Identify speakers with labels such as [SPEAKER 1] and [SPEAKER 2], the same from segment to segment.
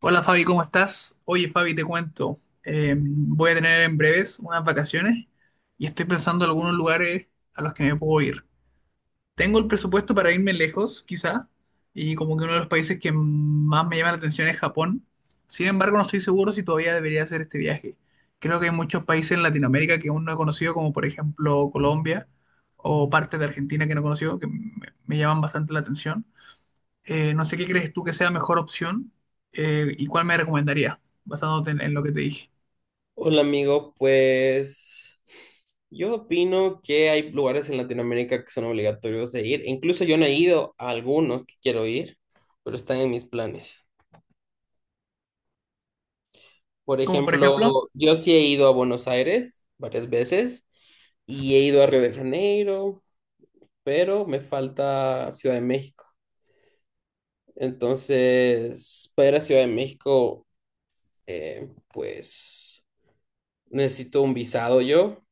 [SPEAKER 1] Hola Fabi, ¿cómo estás? Oye Fabi, te cuento, voy a tener en breves unas vacaciones y estoy pensando en algunos lugares a los que me puedo ir. Tengo el presupuesto para irme lejos, quizá, y como que uno de los países que más me llama la atención es Japón. Sin embargo, no estoy seguro si todavía debería hacer este viaje. Creo que hay muchos países en Latinoamérica que aún no he conocido, como por ejemplo Colombia o partes de Argentina que no he conocido, que me llaman bastante la atención. No sé qué crees tú que sea mejor opción, y cuál me recomendarías, basándote en lo que te dije.
[SPEAKER 2] Hola amigo, pues yo opino que hay lugares en Latinoamérica que son obligatorios de ir. Incluso yo no he ido a algunos que quiero ir, pero están en mis planes. Por
[SPEAKER 1] Como por ejemplo,
[SPEAKER 2] ejemplo, yo sí he ido a Buenos Aires varias veces y he ido a Río de Janeiro, pero me falta Ciudad de México. Entonces, para ir a Ciudad de México, pues necesito un visado yo.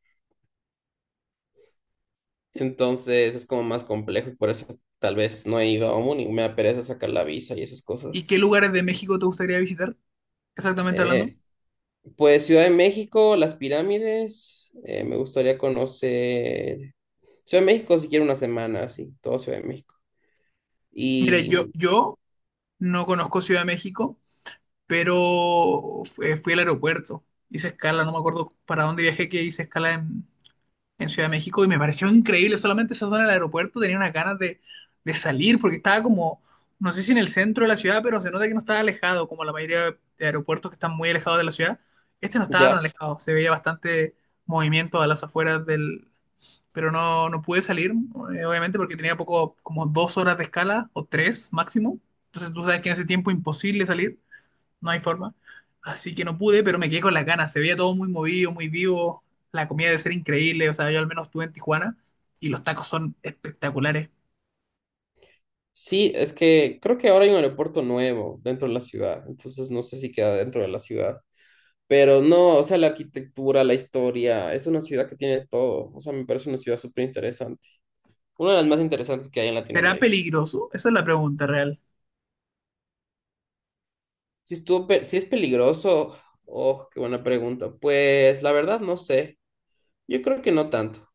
[SPEAKER 2] Entonces es como más complejo y por eso tal vez no he ido aún y me da pereza sacar la visa y esas
[SPEAKER 1] ¿y
[SPEAKER 2] cosas.
[SPEAKER 1] qué lugares de México te gustaría visitar? Exactamente hablando.
[SPEAKER 2] Eh, pues Ciudad de México, las pirámides, me gustaría conocer Ciudad de México si quiero una semana, sí todo Ciudad de México.
[SPEAKER 1] Mira, yo,
[SPEAKER 2] Y
[SPEAKER 1] yo no conozco Ciudad de México, pero fui al aeropuerto. Hice escala, no me acuerdo para dónde viajé, que hice escala en Ciudad de México y me pareció increíble. Solamente esa zona del aeropuerto tenía unas ganas de salir porque estaba como, no sé si en el centro de la ciudad, pero se nota que no estaba alejado, como la mayoría de aeropuertos que están muy alejados de la ciudad. Este no estaba tan
[SPEAKER 2] ya,
[SPEAKER 1] alejado, se veía bastante movimiento a las afueras del. Pero no, no pude salir, obviamente, porque tenía poco, como 2 horas de escala o tres máximo. Entonces tú sabes que en ese tiempo imposible salir, no hay forma. Así que no pude, pero me quedé con las ganas. Se veía todo muy movido, muy vivo. La comida debe ser increíble. O sea, yo al menos estuve en Tijuana y los tacos son espectaculares.
[SPEAKER 2] sí, es que creo que ahora hay un aeropuerto nuevo dentro de la ciudad, entonces no sé si queda dentro de la ciudad. Pero no, o sea, la arquitectura, la historia, es una ciudad que tiene todo. O sea, me parece una ciudad súper interesante. Una de las más interesantes que hay en
[SPEAKER 1] ¿Será
[SPEAKER 2] Latinoamérica.
[SPEAKER 1] peligroso? Esa es la pregunta real.
[SPEAKER 2] Si es peligroso, oh, qué buena pregunta. Pues la verdad no sé. Yo creo que no tanto.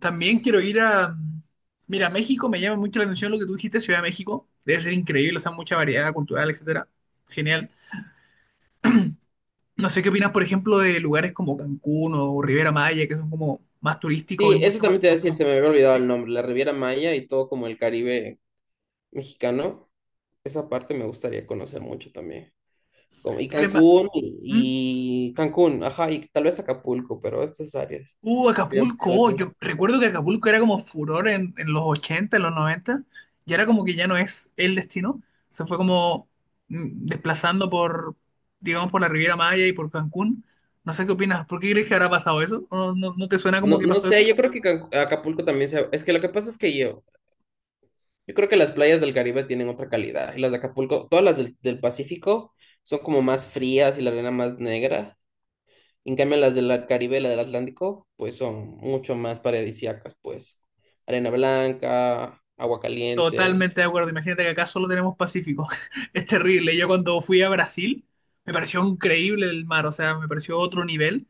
[SPEAKER 1] También quiero ir a. Mira, México me llama mucho la atención lo que tú dijiste, Ciudad de México. Debe ser increíble, o sea, mucha variedad cultural, etcétera. Genial. No sé qué opinas, por ejemplo, de lugares como Cancún o Riviera Maya, que son como más turísticos y
[SPEAKER 2] Sí, eso
[SPEAKER 1] mucho más
[SPEAKER 2] también te iba a decir,
[SPEAKER 1] conocidos.
[SPEAKER 2] se me había olvidado
[SPEAKER 1] ¿Sí?
[SPEAKER 2] el nombre, la Riviera Maya y todo como el Caribe mexicano. Esa parte me gustaría conocer mucho también. Como,
[SPEAKER 1] ¿Tú eres más-? ¿Mm?
[SPEAKER 2] Y Cancún, ajá, y tal vez Acapulco, pero esas áreas me llaman
[SPEAKER 1] Acapulco,
[SPEAKER 2] mucho la
[SPEAKER 1] oh, yo
[SPEAKER 2] atención.
[SPEAKER 1] recuerdo que Acapulco era como furor en los 80 en los 90 y ahora como que ya no es el destino, se fue como desplazando por, digamos, por la Riviera Maya y por Cancún. No sé qué opinas, ¿por qué crees que habrá pasado eso? ¿No, no, no te suena como
[SPEAKER 2] No,
[SPEAKER 1] que
[SPEAKER 2] no
[SPEAKER 1] pasó
[SPEAKER 2] sé,
[SPEAKER 1] eso?
[SPEAKER 2] yo creo que Acapulco también se... Es que lo que pasa es que yo creo que las playas del Caribe tienen otra calidad. Y las de Acapulco, todas las del Pacífico son como más frías y la arena más negra. En cambio, las del Caribe y la del Atlántico, pues son mucho más paradisíacas, pues. Arena blanca, agua caliente.
[SPEAKER 1] Totalmente de acuerdo, imagínate que acá solo tenemos Pacífico, es terrible. Yo cuando fui a Brasil, me pareció increíble el mar, o sea, me pareció otro nivel,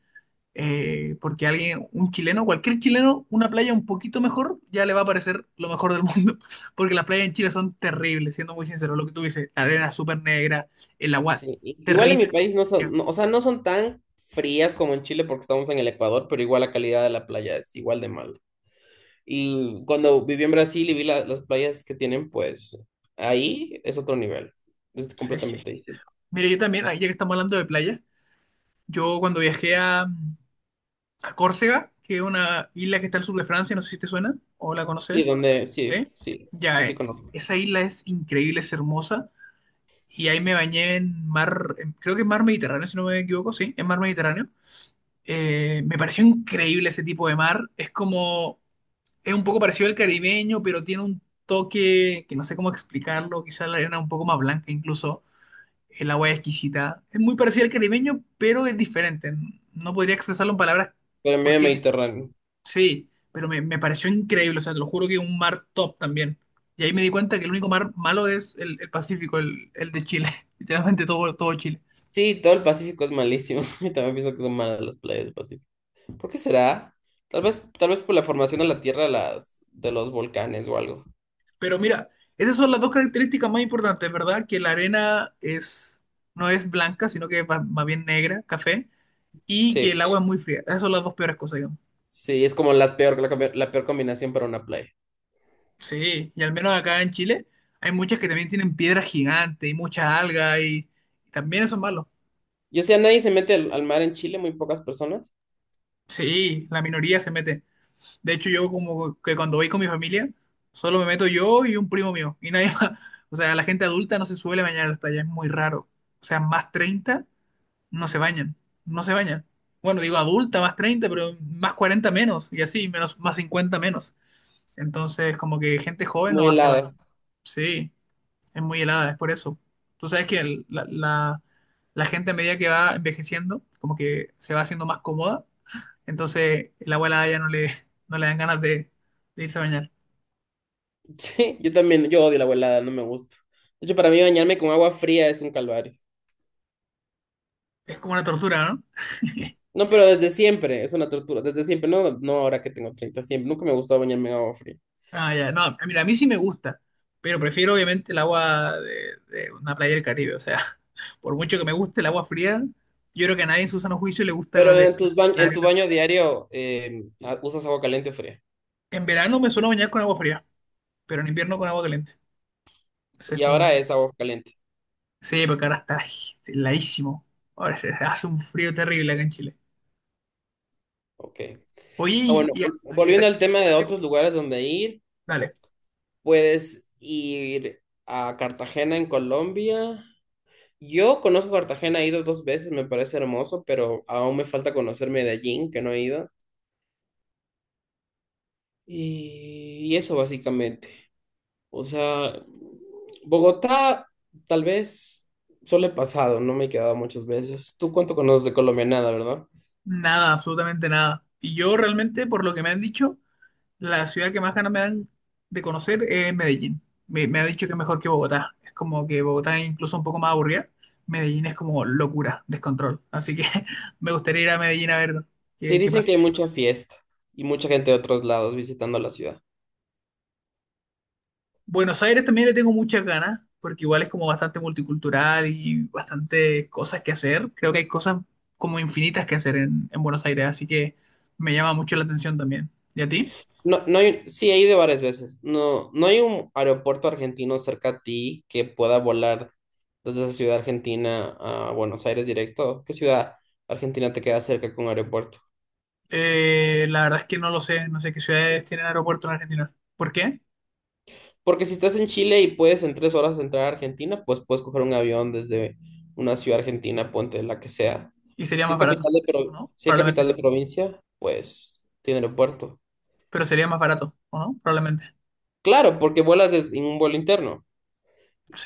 [SPEAKER 1] porque alguien, un chileno, cualquier chileno, una playa un poquito mejor, ya le va a parecer lo mejor del mundo. Porque las playas en Chile son terribles, siendo muy sincero, lo que tú dices, la arena súper negra, el agua
[SPEAKER 2] Sí. Igual en mi
[SPEAKER 1] terrible.
[SPEAKER 2] país no son,
[SPEAKER 1] Ya,
[SPEAKER 2] o sea, no son tan frías como en Chile porque estamos en el Ecuador, pero igual la calidad de la playa es igual de mala. Y cuando viví en Brasil y vi las playas que tienen, pues ahí es otro nivel. Es
[SPEAKER 1] sí.
[SPEAKER 2] completamente distinto.
[SPEAKER 1] Mira, yo también, ahí ya que estamos hablando de playa, yo cuando viajé a Córcega, que es una isla que está al sur de Francia, no sé si te suena o la conoces.
[SPEAKER 2] Sí, donde, sí,
[SPEAKER 1] ¿Sí?
[SPEAKER 2] sí, sí,
[SPEAKER 1] Ya,
[SPEAKER 2] sí conozco.
[SPEAKER 1] esa isla es increíble, es hermosa. Y ahí me bañé en mar, creo que es mar Mediterráneo, si no me equivoco, sí, en mar Mediterráneo. Me pareció increíble ese tipo de mar. Es como, es un poco parecido al caribeño, pero tiene un toque que no sé cómo explicarlo. Quizás la arena un poco más blanca incluso. El agua es exquisita. Es muy parecido al caribeño, pero es diferente. No podría expresarlo en palabras
[SPEAKER 2] Pero medio
[SPEAKER 1] porque es diferente.
[SPEAKER 2] Mediterráneo.
[SPEAKER 1] Sí, pero me pareció increíble. O sea, te lo juro que un mar top también. Y ahí me di cuenta que el único mar malo es el Pacífico, el de Chile. Literalmente todo, todo Chile.
[SPEAKER 2] Sí, todo el Pacífico es malísimo. Y también pienso que son malas las playas del Pacífico. ¿Por qué será? Tal vez por la formación de la tierra de los volcanes o algo.
[SPEAKER 1] Pero mira, esas son las dos características más importantes, ¿verdad? Que la arena es, no es blanca, sino que es más bien negra, café, y que el
[SPEAKER 2] Sí,
[SPEAKER 1] agua es muy fría. Esas son las dos peores cosas, digamos.
[SPEAKER 2] sí, es como las peor, la, combi- la peor combinación para una playa.
[SPEAKER 1] Sí, y al menos acá en Chile hay muchas que también tienen piedras gigantes y muchas algas y también eso es malo.
[SPEAKER 2] Yo sé, nadie se mete al mar en Chile, muy pocas personas.
[SPEAKER 1] Sí, la minoría se mete. De hecho, yo como que cuando voy con mi familia, solo me meto yo y un primo mío. Y nadie más. O sea, la gente adulta no se suele bañar en las playas, es muy raro. O sea, más 30 no se bañan, no se bañan. Bueno, digo adulta más 30 pero más 40 menos, y así, menos, más 50 menos. Entonces, como que gente joven
[SPEAKER 2] Muy
[SPEAKER 1] no hace, oh, baño.
[SPEAKER 2] helada.
[SPEAKER 1] Sí, es muy helada, es por eso. Tú sabes que la gente a medida que va envejeciendo, como que se va haciendo más cómoda, entonces el abuela ya no le dan ganas de irse a bañar.
[SPEAKER 2] Sí, yo también, yo odio la agua helada, no me gusta. De hecho, para mí bañarme con agua fría es un calvario.
[SPEAKER 1] Es como una tortura, ¿no?
[SPEAKER 2] No, pero desde siempre es una tortura. Desde siempre, no, no ahora que tengo 30. Siempre. Nunca me gustaba bañarme en agua fría.
[SPEAKER 1] Ah, ya, no, mira, a mí sí me gusta, pero prefiero obviamente el agua de una playa del Caribe, o sea, por mucho que me guste el agua fría, yo creo que a nadie en su sano juicio le gusta
[SPEAKER 2] Pero en tus
[SPEAKER 1] la
[SPEAKER 2] en tu
[SPEAKER 1] arena.
[SPEAKER 2] baño diario usas agua caliente o fría.
[SPEAKER 1] En verano me suelo bañar con agua fría, pero en invierno con agua caliente. Entonces es
[SPEAKER 2] Y
[SPEAKER 1] como,
[SPEAKER 2] ahora es agua caliente.
[SPEAKER 1] sí, porque ahora está, ay, heladísimo, ahora se hace un frío terrible acá en Chile.
[SPEAKER 2] Ok.
[SPEAKER 1] Oye,
[SPEAKER 2] Ah,
[SPEAKER 1] y,
[SPEAKER 2] bueno,
[SPEAKER 1] y
[SPEAKER 2] volviendo al tema de otros
[SPEAKER 1] eco,
[SPEAKER 2] lugares donde ir,
[SPEAKER 1] dale,
[SPEAKER 2] puedes ir a Cartagena en Colombia. Yo conozco Cartagena, he ido dos veces, me parece hermoso, pero aún me falta conocer Medellín, que no he ido. Y eso básicamente. O sea, Bogotá tal vez solo he pasado, no me he quedado muchas veces. ¿Tú cuánto conoces de Colombia? Nada, ¿verdad?
[SPEAKER 1] nada, absolutamente nada. Y yo realmente, por lo que me han dicho, la ciudad que más ganas me dan de conocer es Medellín. Me ha dicho que es mejor que Bogotá. Es como que Bogotá es incluso un poco más aburrida. Medellín es como locura, descontrol. Así que me gustaría ir a Medellín a ver
[SPEAKER 2] Sí,
[SPEAKER 1] qué
[SPEAKER 2] dicen
[SPEAKER 1] pasa.
[SPEAKER 2] que hay mucha fiesta y mucha gente de otros lados visitando la ciudad.
[SPEAKER 1] Buenos Aires también le tengo muchas ganas, porque igual es como bastante multicultural y bastante cosas que hacer. Creo que hay cosas como infinitas que hacer en Buenos Aires, así que me llama mucho la atención también. ¿Y a ti?
[SPEAKER 2] No, no hay, sí, he ido varias veces. No, no hay un aeropuerto argentino cerca a ti que pueda volar desde esa ciudad argentina a Buenos Aires directo. ¿Qué ciudad argentina te queda cerca con aeropuerto?
[SPEAKER 1] La verdad es que no lo sé, no sé qué ciudades tienen aeropuerto en Argentina. ¿Por qué?
[SPEAKER 2] Porque si estás en Chile y puedes en 3 horas entrar a Argentina, pues puedes coger un avión desde una ciudad argentina, ponte la que sea.
[SPEAKER 1] Y sería
[SPEAKER 2] Si
[SPEAKER 1] más
[SPEAKER 2] es
[SPEAKER 1] barato,
[SPEAKER 2] capital de,
[SPEAKER 1] ¿o
[SPEAKER 2] pro-
[SPEAKER 1] no?
[SPEAKER 2] Si es
[SPEAKER 1] Probablemente.
[SPEAKER 2] capital de provincia, pues tiene aeropuerto.
[SPEAKER 1] Pero sería más barato, ¿o no? Probablemente.
[SPEAKER 2] Claro, porque vuelas en un vuelo interno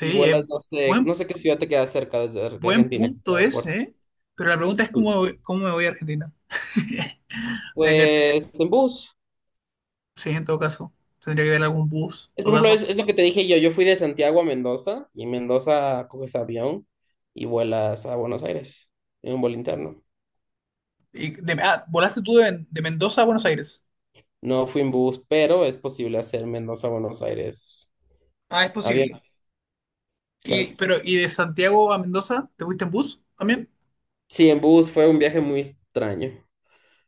[SPEAKER 2] y
[SPEAKER 1] es
[SPEAKER 2] vuelas, no
[SPEAKER 1] bu-
[SPEAKER 2] sé,
[SPEAKER 1] buen,
[SPEAKER 2] no sé qué ciudad te queda cerca de
[SPEAKER 1] buen
[SPEAKER 2] Argentina que tenga
[SPEAKER 1] punto
[SPEAKER 2] aeropuerto.
[SPEAKER 1] ese, ¿eh? Pero la pregunta es cómo me voy a Argentina. Habría que ver si,
[SPEAKER 2] Pues en bus.
[SPEAKER 1] si en todo caso tendría que ver algún bus,
[SPEAKER 2] Es, por ejemplo,
[SPEAKER 1] totazo.
[SPEAKER 2] es lo que te dije yo. Yo fui de Santiago a Mendoza y en Mendoza coges avión y vuelas a Buenos Aires en un vuelo interno.
[SPEAKER 1] Y volaste tú de Mendoza a Buenos Aires.
[SPEAKER 2] No fui en bus, pero es posible hacer Mendoza a Buenos Aires
[SPEAKER 1] Ah, es
[SPEAKER 2] avión,
[SPEAKER 1] posible. Y,
[SPEAKER 2] claro.
[SPEAKER 1] pero, ¿y de Santiago a Mendoza te fuiste en bus también?
[SPEAKER 2] Sí, en bus fue un viaje muy extraño.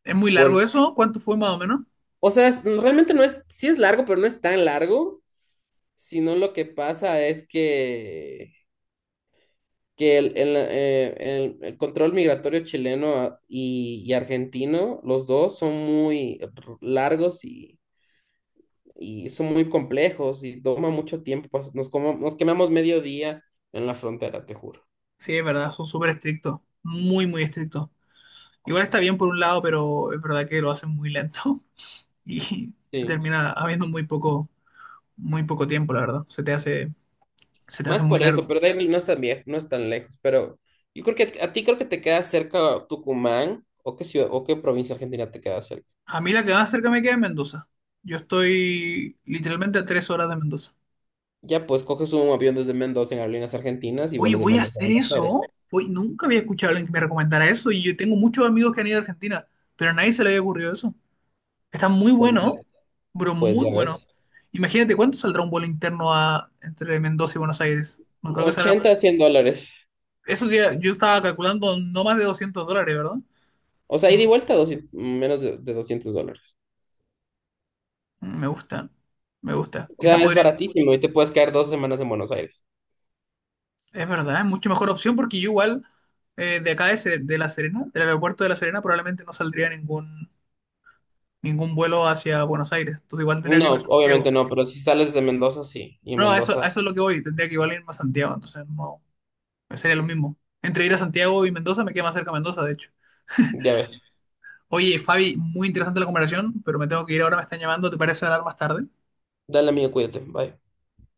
[SPEAKER 1] ¿Es muy largo
[SPEAKER 2] Porque,
[SPEAKER 1] eso? ¿Cuánto fue más o menos?
[SPEAKER 2] o sea, realmente no es, sí es largo, pero no es tan largo, sino lo que pasa es que el control migratorio chileno y argentino, los dos son muy largos y son muy complejos y toma mucho tiempo. Pues, nos quemamos medio día en la frontera, te juro.
[SPEAKER 1] Sí, es verdad, son súper estrictos. Muy, muy estrictos. Igual está bien por un lado, pero es verdad que lo hacen muy lento. Y te
[SPEAKER 2] Sí,
[SPEAKER 1] termina habiendo muy poco tiempo, la verdad. Se te hace
[SPEAKER 2] más
[SPEAKER 1] muy
[SPEAKER 2] por
[SPEAKER 1] largo.
[SPEAKER 2] eso, pero de ahí no es tan viejo, no es tan lejos. Pero yo creo que a ti creo que te queda cerca Tucumán o qué ciudad o qué provincia argentina te queda cerca.
[SPEAKER 1] A mí la que más cerca me queda es Mendoza. Yo estoy literalmente a 3 horas de Mendoza.
[SPEAKER 2] Ya pues coges un avión desde Mendoza en Aerolíneas Argentinas y
[SPEAKER 1] Oye,
[SPEAKER 2] vuelas de
[SPEAKER 1] voy a
[SPEAKER 2] Mendoza a
[SPEAKER 1] hacer
[SPEAKER 2] Buenos
[SPEAKER 1] eso.
[SPEAKER 2] Aires.
[SPEAKER 1] Oye, nunca había escuchado a alguien que me recomendara eso y yo tengo muchos amigos que han ido a Argentina, pero a nadie se le había ocurrido eso. Está muy
[SPEAKER 2] Pues ya,
[SPEAKER 1] bueno, bro,
[SPEAKER 2] pues
[SPEAKER 1] muy
[SPEAKER 2] ya
[SPEAKER 1] bueno.
[SPEAKER 2] ves.
[SPEAKER 1] Imagínate cuánto saldrá un vuelo interno entre Mendoza y Buenos Aires. No creo que salga
[SPEAKER 2] 80
[SPEAKER 1] más.
[SPEAKER 2] a 100 dólares.
[SPEAKER 1] Eso ya, yo estaba calculando no más de 200 dólares, ¿verdad?
[SPEAKER 2] O sea, ida y vuelta, 200 menos de 200 dólares.
[SPEAKER 1] Me gusta, me gusta.
[SPEAKER 2] O
[SPEAKER 1] Quizás
[SPEAKER 2] sea, es
[SPEAKER 1] podría,
[SPEAKER 2] baratísimo y te puedes quedar 2 semanas en Buenos Aires.
[SPEAKER 1] es verdad, es mucho mejor opción porque yo igual, de acá de La Serena, del aeropuerto de La Serena, probablemente no saldría ningún vuelo hacia Buenos Aires. Entonces igual tendría que
[SPEAKER 2] No,
[SPEAKER 1] irme a Santiago.
[SPEAKER 2] obviamente no, pero si sales de Mendoza, sí. Y
[SPEAKER 1] No, a eso,
[SPEAKER 2] Mendoza,
[SPEAKER 1] a eso es lo que voy, tendría que igual irme a Santiago, entonces no, sería lo mismo. Entre ir a Santiago y Mendoza me queda más cerca Mendoza, de hecho.
[SPEAKER 2] ya ves.
[SPEAKER 1] Oye, Fabi, muy interesante la comparación, pero me tengo que ir ahora, me están llamando, ¿te parece hablar más tarde?
[SPEAKER 2] Dale, amigo, cuídate. Bye.